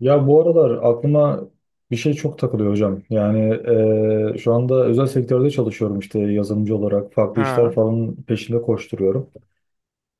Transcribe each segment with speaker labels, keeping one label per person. Speaker 1: Ya bu aralar aklıma bir şey çok takılıyor hocam. Yani şu anda özel sektörde çalışıyorum işte yazılımcı olarak. Farklı işler
Speaker 2: Ha,
Speaker 1: falan peşinde koşturuyorum.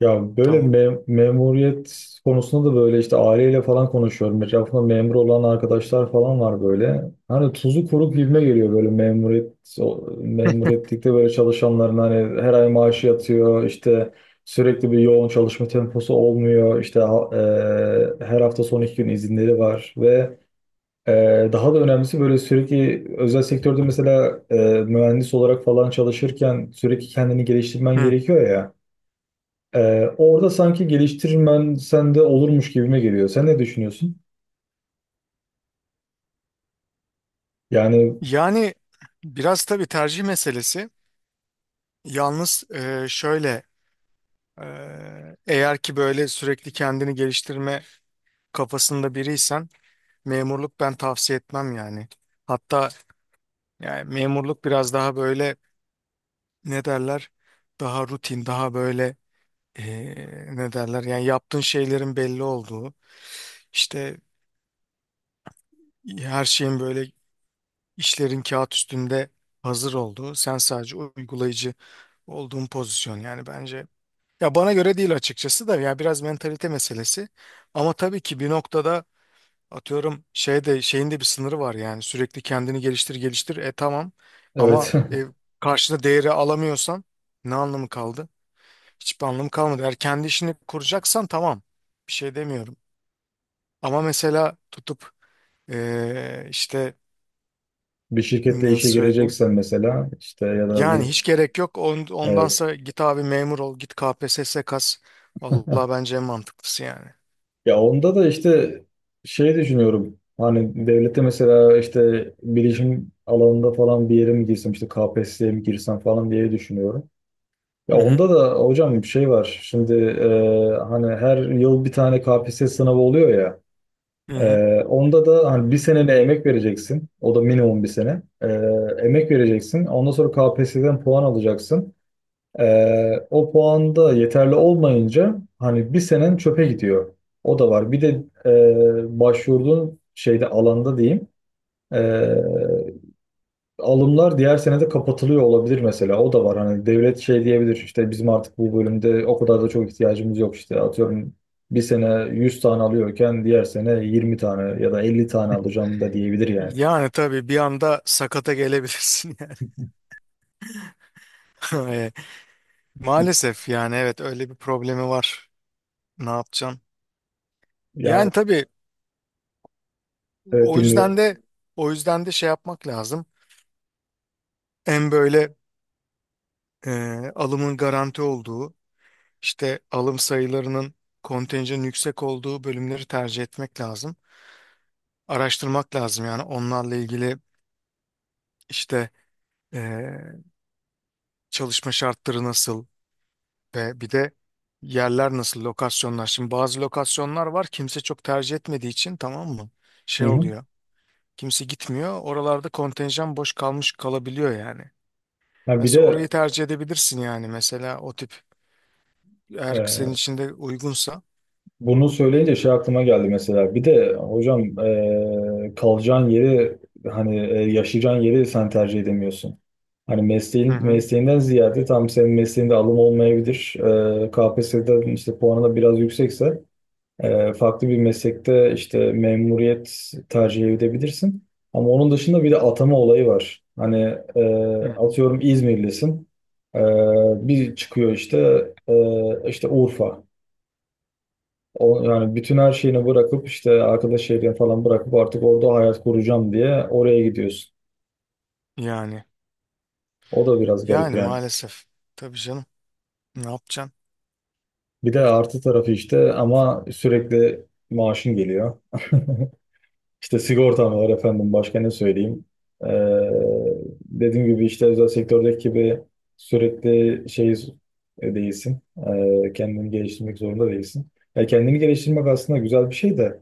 Speaker 1: Ya böyle
Speaker 2: tamam.
Speaker 1: memuriyet konusunda da böyle işte aileyle falan konuşuyorum. Etrafımda memur olan arkadaşlar falan var böyle. Hani tuzu kuru gibime geliyor böyle memuriyet, memuriyetlikte böyle çalışanların hani her ay maaşı yatıyor işte. Sürekli bir yoğun çalışma temposu olmuyor. İşte her hafta son iki gün izinleri var ve daha da önemlisi böyle sürekli özel sektörde mesela mühendis olarak falan çalışırken sürekli kendini geliştirmen
Speaker 2: Hı.
Speaker 1: gerekiyor ya. Orada sanki geliştirmen sende olurmuş gibime geliyor. Sen ne düşünüyorsun? Yani
Speaker 2: Yani biraz tabii tercih meselesi. Yalnız şöyle eğer ki böyle sürekli kendini geliştirme kafasında biriysen memurluk ben tavsiye etmem yani. Hatta yani memurluk biraz daha böyle ne derler, daha rutin, daha böyle e, ne derler, yani yaptığın şeylerin belli olduğu, işte her şeyin böyle, İşlerin kağıt üstünde hazır olduğu, sen sadece uygulayıcı olduğun pozisyon yani bence. Ya bana göre değil açıkçası da, ya biraz mentalite meselesi. Ama tabii ki bir noktada atıyorum şeyde şeyin de bir sınırı var, yani sürekli kendini geliştir geliştir e tamam,
Speaker 1: evet.
Speaker 2: ama karşına değeri alamıyorsan ne anlamı kaldı? Hiçbir anlamı kalmadı. Eğer kendi işini kuracaksan tamam, bir şey demiyorum. Ama mesela tutup işte
Speaker 1: Bir şirketle
Speaker 2: nasıl
Speaker 1: işe
Speaker 2: söyleyeyim?
Speaker 1: gireceksen mesela işte ya da
Speaker 2: Yani
Speaker 1: bir
Speaker 2: hiç gerek yok.
Speaker 1: evet.
Speaker 2: Ondansa git abi memur ol. Git KPSS kas. Vallahi bence en mantıklısı yani.
Speaker 1: Ya onda da işte şey düşünüyorum. Hani devlette mesela işte bilişim alanında falan bir yere mi girsem işte KPSS'ye mi girsem falan diye düşünüyorum. Ya
Speaker 2: Hı hı.
Speaker 1: onda da hocam bir şey var. Şimdi hani her yıl bir tane KPSS sınavı oluyor ya.
Speaker 2: Hı hı.
Speaker 1: Onda da hani bir senene emek vereceksin. O da minimum bir sene. Emek vereceksin. Ondan sonra KPSS'den puan alacaksın. O puan da yeterli olmayınca hani bir senen çöpe gidiyor. O da var. Bir de başvurduğun şeyde, alanda diyeyim. E, Alımlar diğer senede kapatılıyor olabilir mesela. O da var. Hani devlet şey diyebilir, işte bizim artık bu bölümde o kadar da çok ihtiyacımız yok işte. Atıyorum bir sene 100 tane alıyorken diğer sene 20 tane ya da 50 tane alacağım da diyebilir yani.
Speaker 2: Yani tabii bir anda sakata gelebilirsin yani. E, maalesef yani, evet, öyle bir problemi var. Ne yapacaksın?
Speaker 1: Yani
Speaker 2: Yani tabii
Speaker 1: evet,
Speaker 2: o
Speaker 1: dinliyorum.
Speaker 2: yüzden de o yüzden de şey yapmak lazım. En böyle alımın garanti olduğu, işte alım sayılarının, kontenjanın yüksek olduğu bölümleri tercih etmek lazım. Araştırmak lazım yani onlarla ilgili. İşte eee, çalışma şartları nasıl ve bir de yerler nasıl, lokasyonlar. Şimdi bazı lokasyonlar var kimse çok tercih etmediği için, tamam mı?
Speaker 1: Hı
Speaker 2: Şey
Speaker 1: hı.
Speaker 2: oluyor. Kimse gitmiyor. Oralarda kontenjan boş kalmış kalabiliyor yani.
Speaker 1: Ha, bir
Speaker 2: Mesela orayı
Speaker 1: de
Speaker 2: tercih edebilirsin yani, mesela o tip, eğer senin
Speaker 1: e,
Speaker 2: için de uygunsa.
Speaker 1: bunu söyleyince şey aklıma geldi mesela. Bir de hocam kalacağın yeri, hani yaşayacağın yeri sen tercih edemiyorsun. Hani
Speaker 2: Hı
Speaker 1: mesleğin,
Speaker 2: hı.
Speaker 1: mesleğinden ziyade tam senin mesleğinde alım olmayabilir. KPSS'den işte puanı da biraz yüksekse farklı bir meslekte işte memuriyet tercih edebilirsin. Ama onun dışında bir de atama olayı var. Hani e,
Speaker 2: Hı hı.
Speaker 1: atıyorum İzmirlisin. E, Bir çıkıyor işte işte Urfa. O, yani bütün her şeyini bırakıp işte arkadaş, şehrini falan bırakıp artık orada hayat kuracağım diye oraya gidiyorsun.
Speaker 2: Yani
Speaker 1: O da biraz garip
Speaker 2: yani
Speaker 1: yani.
Speaker 2: maalesef. Tabii canım. Ne yapacaksın?
Speaker 1: Bir de artı tarafı işte, ama sürekli maaşın geliyor. İşte sigortan var efendim, başka ne söyleyeyim. Ee, Dediğim gibi işte özel sektördeki gibi sürekli şey değilsin. Kendini geliştirmek zorunda değilsin. Ya kendini geliştirmek aslında güzel bir şey de.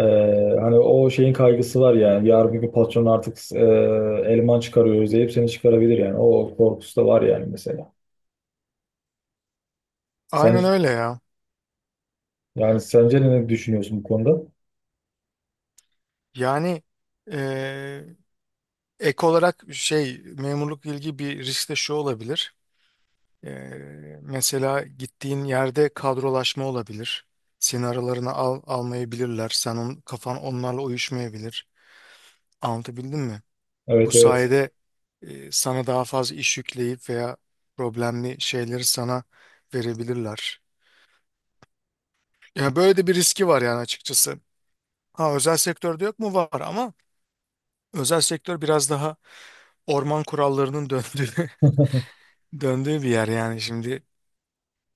Speaker 1: Ee, Hani o şeyin kaygısı var yani. Yarın bir gün patron artık eleman çıkarıyor, özleyip seni çıkarabilir yani. O korkusu da var yani mesela. Sen,
Speaker 2: Aynen öyle ya.
Speaker 1: yani sence ne düşünüyorsun bu konuda?
Speaker 2: Yani eee, ek olarak şey, memurluk ilgi bir risk de şu olabilir. Ee, mesela gittiğin yerde kadrolaşma olabilir. Seni aralarına al, almayabilirler. Sen on, kafan onlarla uyuşmayabilir. Anlatabildim mi? Bu
Speaker 1: Evet, evet.
Speaker 2: sayede sana daha fazla iş yükleyip veya problemli şeyleri sana verebilirler. Yani böyle de bir riski var yani açıkçası. Ha, özel sektörde yok mu? Var ama özel sektör biraz daha orman kurallarının döndüğü bir yer yani şimdi.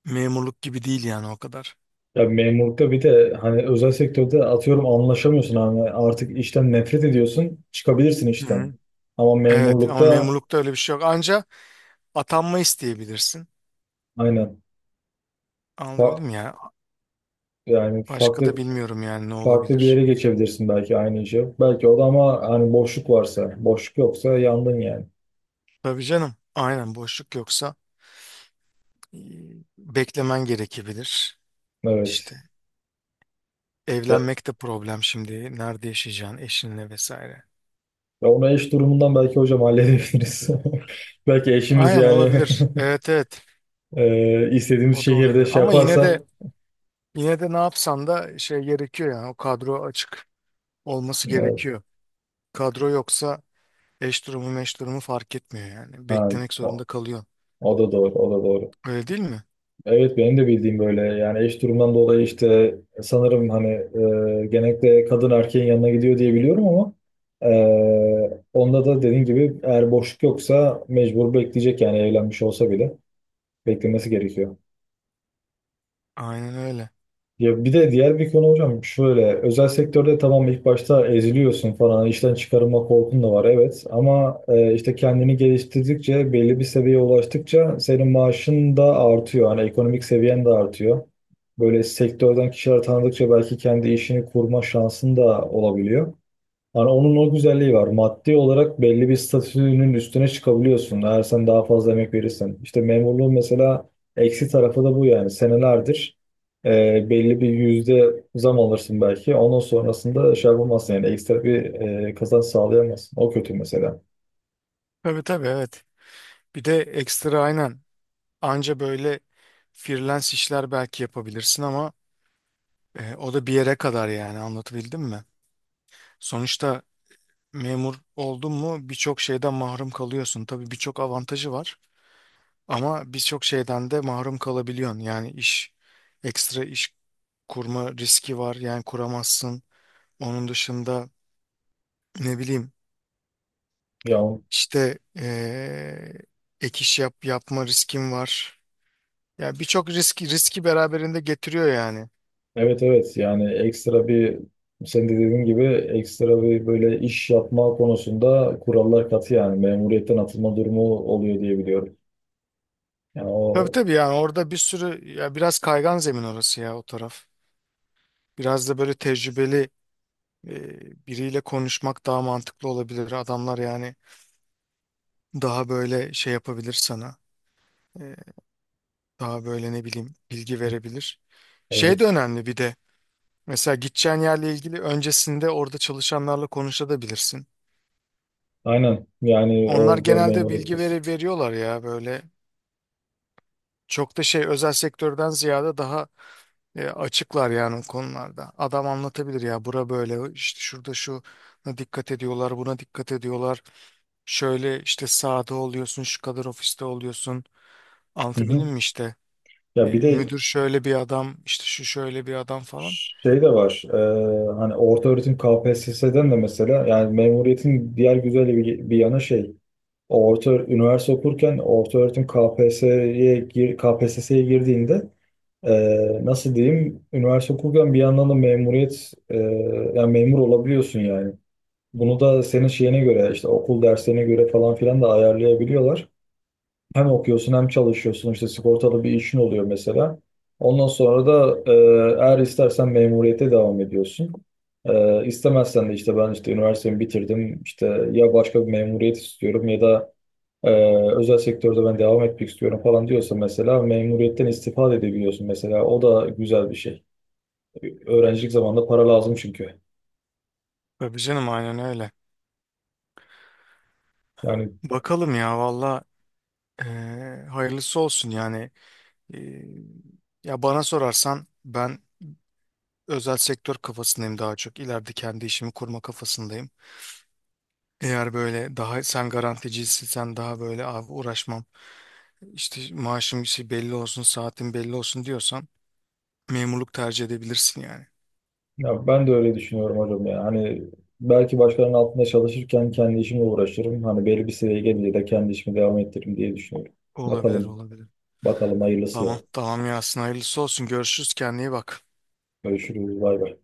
Speaker 2: Memurluk gibi değil yani o kadar.
Speaker 1: Ya memurlukta bir de hani, özel sektörde atıyorum anlaşamıyorsun, hani artık işten nefret ediyorsun çıkabilirsin
Speaker 2: Hı
Speaker 1: işten.
Speaker 2: hı.
Speaker 1: Ama
Speaker 2: Evet, ama
Speaker 1: memurlukta
Speaker 2: memurlukta öyle bir şey yok. Anca atanma isteyebilirsin.
Speaker 1: aynen. Fa-
Speaker 2: Anlatabildim mi ya.
Speaker 1: Yani
Speaker 2: Başka da
Speaker 1: farklı
Speaker 2: bilmiyorum yani ne
Speaker 1: farklı bir yere
Speaker 2: olabilir.
Speaker 1: geçebilirsin belki, aynı işe. Belki o da, ama hani boşluk varsa. Boşluk yoksa yandın yani.
Speaker 2: Tabii canım. Aynen, boşluk yoksa e, beklemen gerekebilir.
Speaker 1: Evet.
Speaker 2: İşte evlenmek de problem şimdi. Nerede yaşayacaksın eşinle vesaire.
Speaker 1: Ya ona eş durumundan belki hocam halledebiliriz. Belki eşimiz
Speaker 2: Aynen,
Speaker 1: yani,
Speaker 2: olabilir. Evet, evet.
Speaker 1: istediğimiz
Speaker 2: O da
Speaker 1: şehirde
Speaker 2: olabilir.
Speaker 1: şey
Speaker 2: Ama
Speaker 1: yaparsa.
Speaker 2: yine de ne yapsan da şey gerekiyor, yani o kadro açık olması
Speaker 1: Evet.
Speaker 2: gerekiyor. Kadro yoksa eş durumu meş durumu fark etmiyor yani.
Speaker 1: Ha,
Speaker 2: Beklemek
Speaker 1: o,
Speaker 2: zorunda kalıyorsun.
Speaker 1: o da doğru, o da doğru.
Speaker 2: Öyle değil mi?
Speaker 1: Evet, benim de bildiğim böyle yani. Eş durumundan dolayı işte sanırım hani genellikle kadın erkeğin yanına gidiyor diye biliyorum, ama onda da dediğin gibi eğer boşluk yoksa mecbur bekleyecek yani. Evlenmiş olsa bile beklemesi gerekiyor.
Speaker 2: Aynen öyle.
Speaker 1: Ya bir de diğer bir konu hocam, şöyle: özel sektörde tamam, ilk başta eziliyorsun falan, işten çıkarılma korkun da var evet, ama işte kendini geliştirdikçe, belli bir seviyeye ulaştıkça senin maaşın da artıyor, hani ekonomik seviyen de artıyor. Böyle sektörden kişiler tanıdıkça belki kendi işini kurma şansın da olabiliyor. Hani onun o güzelliği var. Maddi olarak belli bir statünün üstüne çıkabiliyorsun, eğer sen daha fazla emek verirsen. İşte memurluğun mesela eksi tarafı da bu yani. Senelerdir belli bir yüzde zam alırsın belki. Ondan sonrasında şey yapamazsın yani, ekstra bir kazanç sağlayamazsın. O kötü mesela.
Speaker 2: Tabii tabii, evet. Bir de ekstra aynen. Anca böyle freelance işler belki yapabilirsin ama o da bir yere kadar yani, anlatabildim mi? Sonuçta memur oldun mu birçok şeyden mahrum kalıyorsun. Tabii birçok avantajı var ama birçok şeyden de mahrum kalabiliyorsun. Yani ekstra iş kurma riski var yani, kuramazsın. Onun dışında ne bileyim.
Speaker 1: Ya
Speaker 2: İşte ek iş yap, yapma riskim var. Ya birçok risk, riski beraberinde getiriyor yani.
Speaker 1: evet, evet, yani ekstra bir, sen de dediğin gibi, ekstra bir böyle iş yapma konusunda kurallar katı yani, memuriyetten atılma durumu oluyor diye biliyorum. Yani
Speaker 2: Tabii
Speaker 1: o
Speaker 2: tabii, yani orada bir sürü, ya biraz kaygan zemin orası ya, o taraf. Biraz da böyle tecrübeli eee, biriyle konuşmak daha mantıklı olabilir. Adamlar yani daha böyle şey yapabilir sana. Eee, daha böyle ne bileyim bilgi verebilir. Şey de
Speaker 1: evet,
Speaker 2: önemli bir de. Mesela gideceğin yerle ilgili öncesinde orada çalışanlarla konuşabilirsin.
Speaker 1: aynen. Yani
Speaker 2: Onlar
Speaker 1: orada
Speaker 2: genelde
Speaker 1: memuriyet
Speaker 2: bilgi veriyorlar ya böyle. Çok da şey, özel sektörden ziyade daha açıklar yani o konularda. Adam anlatabilir ya, bura böyle işte, şurada şuna dikkat ediyorlar, buna dikkat ediyorlar. Şöyle işte sahada oluyorsun, şu kadar ofiste oluyorsun.
Speaker 1: hı hı.
Speaker 2: Anlatabildim mi işte?
Speaker 1: Ya bir de
Speaker 2: Müdür şöyle bir adam işte, şu şöyle bir adam falan.
Speaker 1: şey de var, hani orta öğretim KPSS'den de mesela, yani memuriyetin diğer güzel bir, bir yanı şey, orta üniversite okurken, orta öğretim KPSS'ye gir, KPSS'ye girdiğinde nasıl diyeyim? Üniversite okurken bir yandan da memuriyet, yani memur olabiliyorsun yani. Bunu da senin şeyine göre işte okul derslerine göre falan filan da ayarlayabiliyorlar. Hem okuyorsun hem çalışıyorsun, işte sigortalı bir işin oluyor mesela. Ondan sonra da eğer istersen memuriyete devam ediyorsun. İstemezsen de işte ben işte üniversitemi bitirdim, İşte ya başka bir memuriyet istiyorum ya da ee, özel sektörde ben devam etmek istiyorum falan diyorsa mesela, memuriyetten istifade da edebiliyorsun mesela. O da güzel bir şey. Öğrencilik zamanında para lazım çünkü.
Speaker 2: Tabii canım aynen öyle.
Speaker 1: Yani
Speaker 2: Bakalım ya valla, e, hayırlısı olsun yani. E, ya bana sorarsan ben özel sektör kafasındayım daha çok. İleride kendi işimi kurma kafasındayım. Eğer böyle daha sen garanticiysen, sen daha böyle abi uğraşmam, işte maaşım şey belli olsun, saatim belli olsun diyorsan memurluk tercih edebilirsin yani.
Speaker 1: ya, ben de öyle düşünüyorum hocam ya. Hani belki başkalarının altında çalışırken kendi işimle uğraşırım. Hani belli bir seviyeye gelince de kendi işimi devam ettiririm diye düşünüyorum.
Speaker 2: Olabilir,
Speaker 1: Bakalım,
Speaker 2: olabilir.
Speaker 1: bakalım hayırlısı ya.
Speaker 2: Tamam tamam Yasin, hayırlısı olsun, görüşürüz, kendine iyi bak.
Speaker 1: Görüşürüz, bay bay.